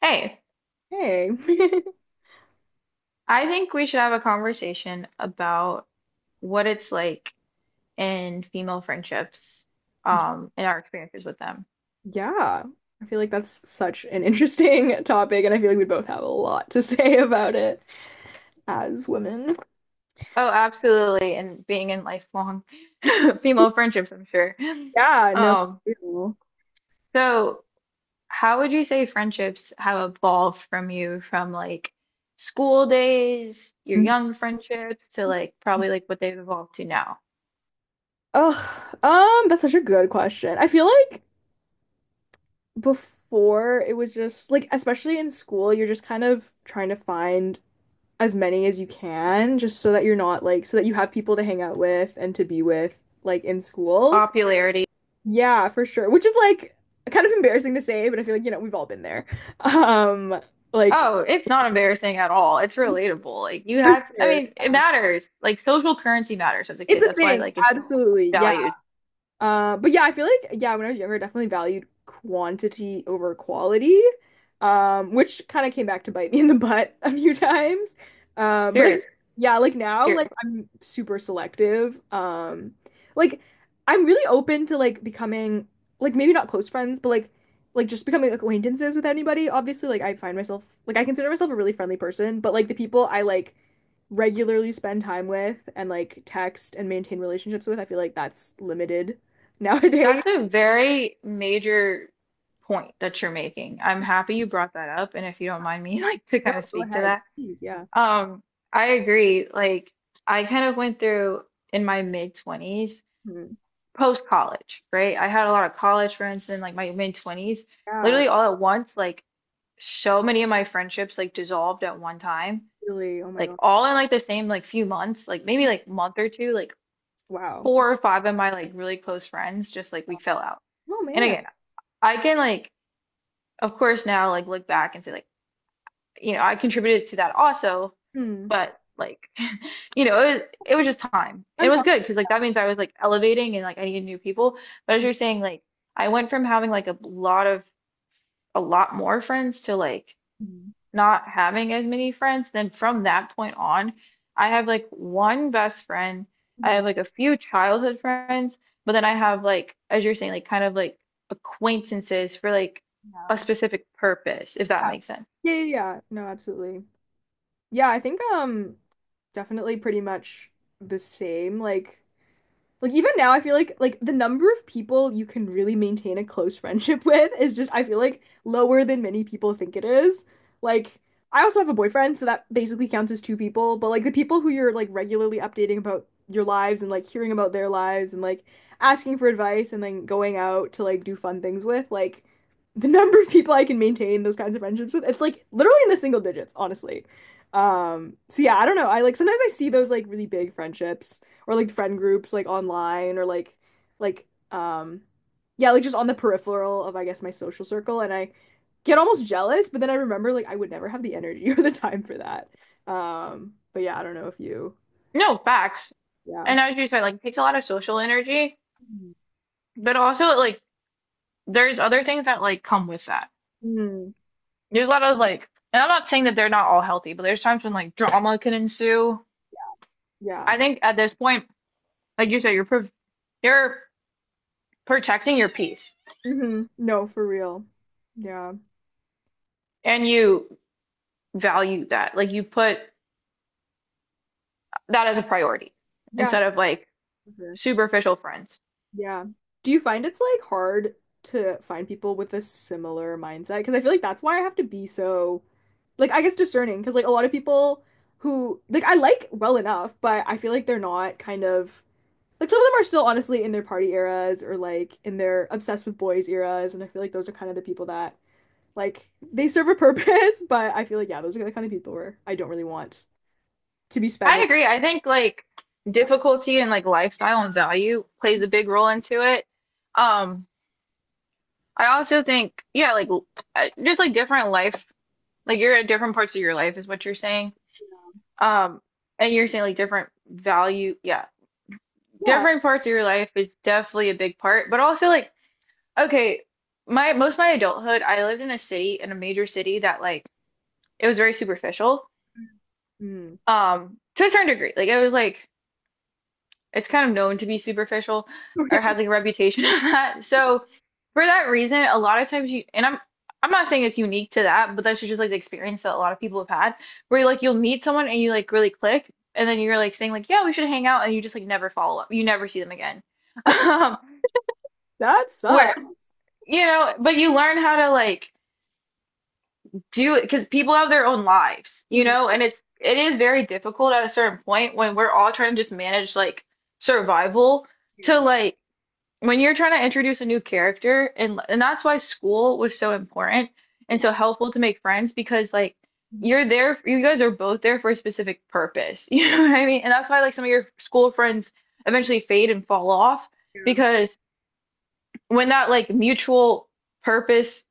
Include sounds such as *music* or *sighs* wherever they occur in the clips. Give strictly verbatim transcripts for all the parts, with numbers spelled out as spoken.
Hey, Hey. *laughs* I think we should have a conversation about what it's like in female friendships, um, and our experiences with them. Yeah. I feel like that's such an interesting *laughs* topic, and I feel like we both have a lot to *laughs* say about it as women. Oh, absolutely, and being in lifelong *laughs* female friendships, I'm sure. Yeah, no. Um, Ew. so how would you say friendships have evolved from you from like school days, your young friendships, to like probably like what they've evolved to now? Ugh, um, that's such a good question. I feel like before it was just like, especially in school, you're just kind of trying to find as many as you can just so that you're not like, so that you have people to hang out with and to be with like in school. Popularity. Yeah, for sure. Which is like kind of embarrassing to say, but I feel like, you know, we've all been there. *laughs* Um, like Oh, it's not embarrassing at all. It's relatable. Like you for have, I sure. mean, it Yeah. matters. Like social currency matters as a It's kid. a That's why thing. like it's Absolutely. Yeah. valued. Uh, but yeah, I feel like yeah, when I was younger, I definitely valued quantity over quality, um, which kind of came back to bite me *laughs* in the butt a few times. Um, but I, Serious, yeah, like now, like seriously. I'm super selective. Um, like I'm really open to like becoming like maybe not close friends, but like like just becoming like acquaintances with anybody. Obviously, like I find myself like I consider myself a really friendly person, but like the people I like regularly spend time with and like text and maintain relationships with, I feel like that's limited *laughs* nowadays. That's a very major point that you're making. I'm happy you brought that up, and if you don't mind me *laughs* like to No, kind of go speak to ahead. that. Please, yeah. Um, I agree. Like I kind of went through in my mid twenties, Hmm. post college, right? I had a lot of college friends in like my mid twenties, Yeah, literally all at once, like so many of my friendships like dissolved at one time, really. Oh my like God. all in like the same like few months, like maybe like month or two, like Wow. four or five of my like really close friends just like we fell out. Oh And man. again, I can like of course now like look back and say like, you know, I contributed to that also, Hmm. but like *laughs* you know, it was, it was just time. It That's was good because like that means I was like elevating and like I needed new people. But as awesome. you're saying, like I went from having like a lot of a lot more friends to like Mhm. not having as many friends, then from that point on, I have like one best friend. I Mhm. have like a few childhood friends, but then I have like, as you're saying, like kind of like acquaintances for like Yeah. a specific purpose, if that makes sense. Yeah, yeah, yeah. No, absolutely. Yeah, I think um definitely pretty much the same. Like Like even now, I feel like like the number of people you can really maintain a close friendship *laughs* with is just I feel like lower than many people think it is. Like I also have a boyfriend, so that basically counts as two people, but like the people who you're like regularly updating about your lives and like hearing about their lives and like asking for advice and then going out to like do fun things with, like the *laughs* number of people I can maintain those kinds of friendships with, it's like literally in the single digits, honestly. Um, so yeah, I don't know. I like sometimes I see those like really big friendships or like friend groups like online or like like um yeah, like just on the peripheral of I guess my social circle, and I get almost jealous, but then I remember like I would never have the energy *laughs* or the time for that. Um, but yeah, I don't know if you No, facts. yeah. And as you said, like it takes a lot of social energy, Mm. but also like there's other things that like come with that. Mm, There's a lot of like, and I'm not saying that they're not all healthy, but there's times when like drama can ensue. yeah. I think at this point, like you said, you're prov you're protecting your peace Hmm. No, for real. Yeah. and you value that. Like you put that as a priority Yeah. instead of like For sure. superficial friends. Yeah. Do you find it's like hard to find people with a similar mindset? Because I feel like that's why I have to be so like, I guess, discerning. Because like a lot of people who like I like well enough, but I feel like they're not kind of like, some of them are still honestly in their party eras or like in their obsessed with boys eras, and I feel like those are kind of the people that like they serve a *laughs* purpose, but I feel like yeah, those are the kind of people where I don't really want to be I spending. agree. I think like Yeah. difficulty and like lifestyle and value plays a big role into it. Um, I also think, yeah, like l- uh, just like different life, like you're at different parts of your life is what you're saying. Um, and you're saying like different value, yeah, Yeah. different parts of your life is definitely a big part, but also like, okay, my most of my adulthood, I lived in a city, in a major city that like it was very superficial, Mm. um, to a certain degree. Like it was like it's kind of known to be superficial or *laughs* has like a reputation *laughs* of that. So for that reason, a lot of times you and I'm I'm not saying it's unique to that, but that's just like the experience that a lot of people have had where like you'll meet someone and you like really click and then you're like saying like yeah we should hang out and you just like never follow up. You never see them again. *laughs* That's Um, that sucks. where you know, but you learn how to like do it because people have their own lives, you know, *laughs* and it's it is very difficult at a certain point when we're all trying to just manage like survival to like when you're trying to introduce a new character and and that's why school was so important and so helpful to make friends because like you're there you guys are both there for a specific purpose *laughs* you know what I mean and that's why like some of your school friends eventually fade and fall off Mm, because when that like mutual purpose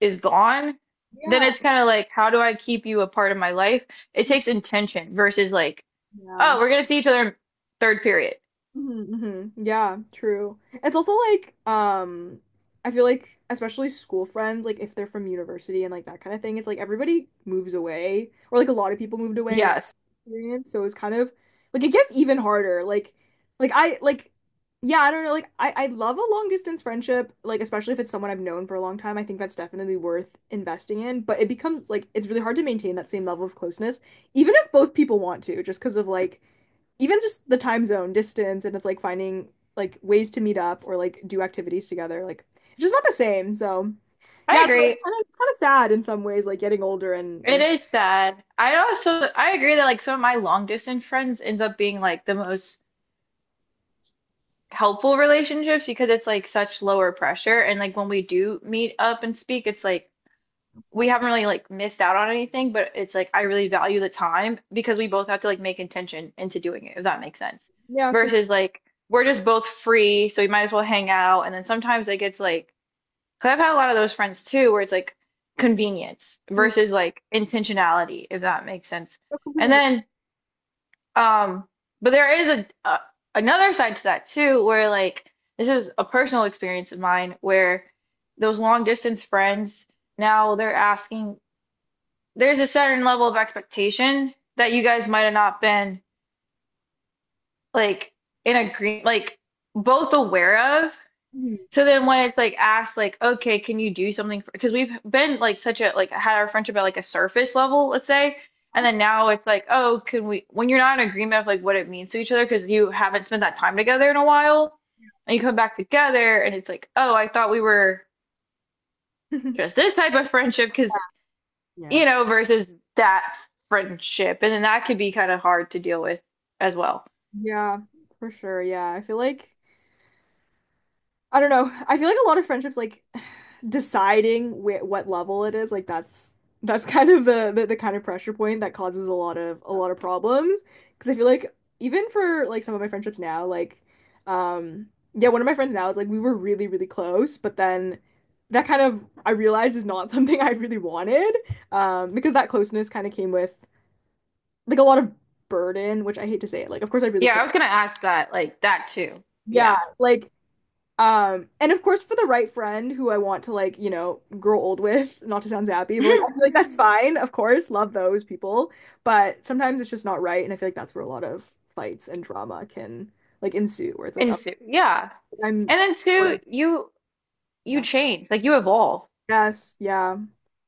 is gone then yeah. it's kind of like how do I keep you a part of my life, it Yeah. takes intention versus like Yeah. oh we're gonna see each other in third period. Hmm. Yeah, true. It's also like, um, I feel like especially school friends, like if they're from university and like that kind of thing, it's like everybody moves away, or like a lot of people moved away, like Yes. experience. So it's kind of like it gets even harder. Like, like I like, yeah, I don't know. Like I I love a long distance friendship, like especially if it's someone I've known for a long time. I think that's definitely worth investing in. But it becomes like it's really hard to maintain that same level of closeness, even if both people want to, just because of like even just the time zone distance, and it's like finding like ways to meet up or like do activities together like it's just not the same. So I yeah, so it's agree. kind of it's kind of sad in some ways like getting older and It and is sad. I also I agree that like some of my long distance friends ends up being like the most helpful relationships because it's like such lower pressure and like when we do meet up and speak it's like we haven't really like missed out on anything but it's like I really value the time because we both have to like make intention into doing it, if that makes sense. yeah, for Versus like we're just both free so we might as well hang out and then sometimes it gets like because I've had a lot of those friends too, where it's like convenience sure. versus like intentionality, if that makes sense. I And completely then, um, but there is a, a another side to that too, where like this is a personal experience of mine, where those long distance friends now they're asking. There's a certain level of expectation that you guys might have not been like in agree, like both aware of. agree. So then when it's like asked like, okay, can you do something for, because we've been like such a like had our friendship at like a surface level, let's say, and then now it's like, oh, can we when you're not in agreement of like what it means to each other because you haven't spent that time together in a while, and you come back together and it's like, oh, I thought we were Mhm. just this type of friendship because *laughs* Yeah, you know versus that friendship, and then that could be kind of hard to deal with as well. yeah, for sure. Yeah, I feel like I don't know. I feel like a lot of friendships like *sighs* deciding wh what level it is, like that's that's *laughs* kind of the, the the kind of pressure point that causes a lot of a lot of problems. Because I feel like even for like some of my friendships now, like um yeah, one of my friends now is like we were really really close, but then that kind of I realized is not *laughs* something I really wanted, um because that closeness kind of came with like a lot of burden, which I hate to say it. Like of course I really Yeah, I care. was gonna ask that like that too. Yeah, Yeah. like Um, and of course for the right friend who I want to like, you know, grow old with, *laughs* not to sound zappy, but like I feel like that's *laughs* fine, of course, love those people. But sometimes it's just not right, and I feel like that's where a lot of fights and drama can like ensue, where it's like, And oh, so, yeah. I'm And then or- two, you you yeah. change, like you evolve. Yes, yeah,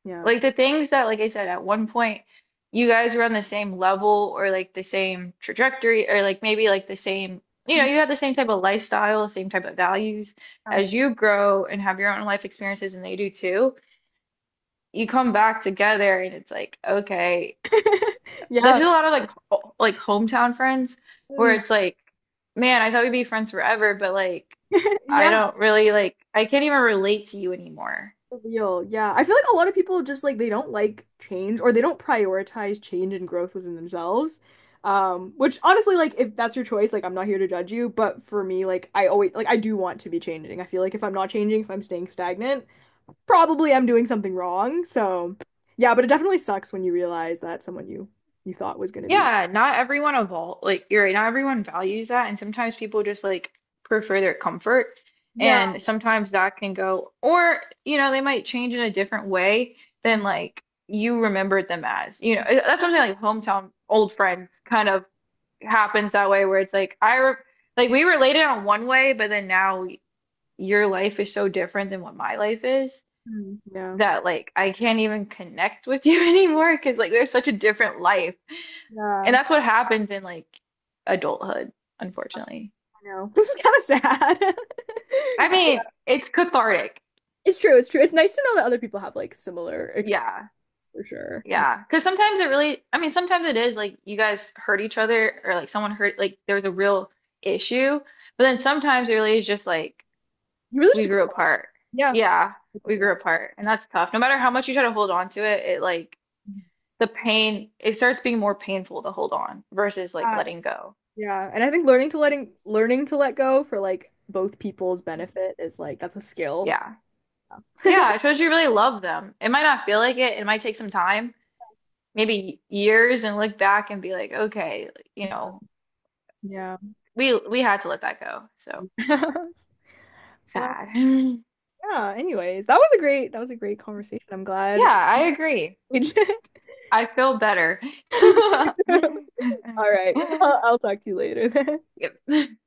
yeah. Like the things that, like I said, at one point you guys were on the same level or like the same trajectory or like maybe like the same, you know, Mhm. you have the same type of lifestyle, same type of values. Yeah. As you grow and have your own life experiences and they do too, you come back together and it's like, okay, *laughs* this Yeah. is a lot of like ho- like hometown friends where Mm. it's like, man, I thought we'd be friends forever, but like *laughs* I Yeah. don't really like I can't even relate to you anymore. Real. Yeah. I feel like a lot of people just like they don't like change or they don't prioritize change and growth within themselves. Um, which honestly, like if that's your choice, like I'm not here to judge you, but for me, like I always like I do want to be changing. I feel like if I'm not changing, if I'm staying stagnant, probably I'm doing something wrong. So yeah, but it definitely sucks when you realize that someone you you thought was gonna be. Yeah, not everyone evol like you're right, not everyone values that and sometimes people just like prefer their comfort Yeah. and sometimes that can go or you know they might change in a different way than like you remembered them as. You know, it- that's something like hometown old friends kind of happens that way where it's like I re like we related on one way but then now your life is so different than what my life is Mhm. Yeah. that like I can't even connect with you *laughs* anymore because like there's such a different life and Yeah. that's what happens in like adulthood, unfortunately. I know. *laughs* This is kind of sad. I mean, *laughs* it's cathartic. It's true, it's true. It's nice to know that other people have like similar experiences. Yeah. For sure. Yeah. Because sometimes it really, I mean, sometimes it is like you guys hurt each other or like someone hurt, like there was a real issue. But then sometimes it really is just like You really we just grew grow up. apart. Yeah. Yeah. We grew apart. And that's tough. No matter how much you try to hold on to it, it like the pain, it starts being more painful to hold on versus like Yeah. letting go. Yeah. And I think learning to letting learning to let go for like both people's benefit is like that's a skill. Yeah. Yeah. I suppose you really love them. It might not feel like it. It might take some time maybe years and look back and be like, okay, you know, Yeah. we we had to let that go. So *laughs* Well, sad. *laughs* yeah, anyways, that was a great that was a great conversation. I'm Yeah, glad. I agree. *laughs* I feel better. *laughs* All right. Well, I'll talk to you later then. Yep.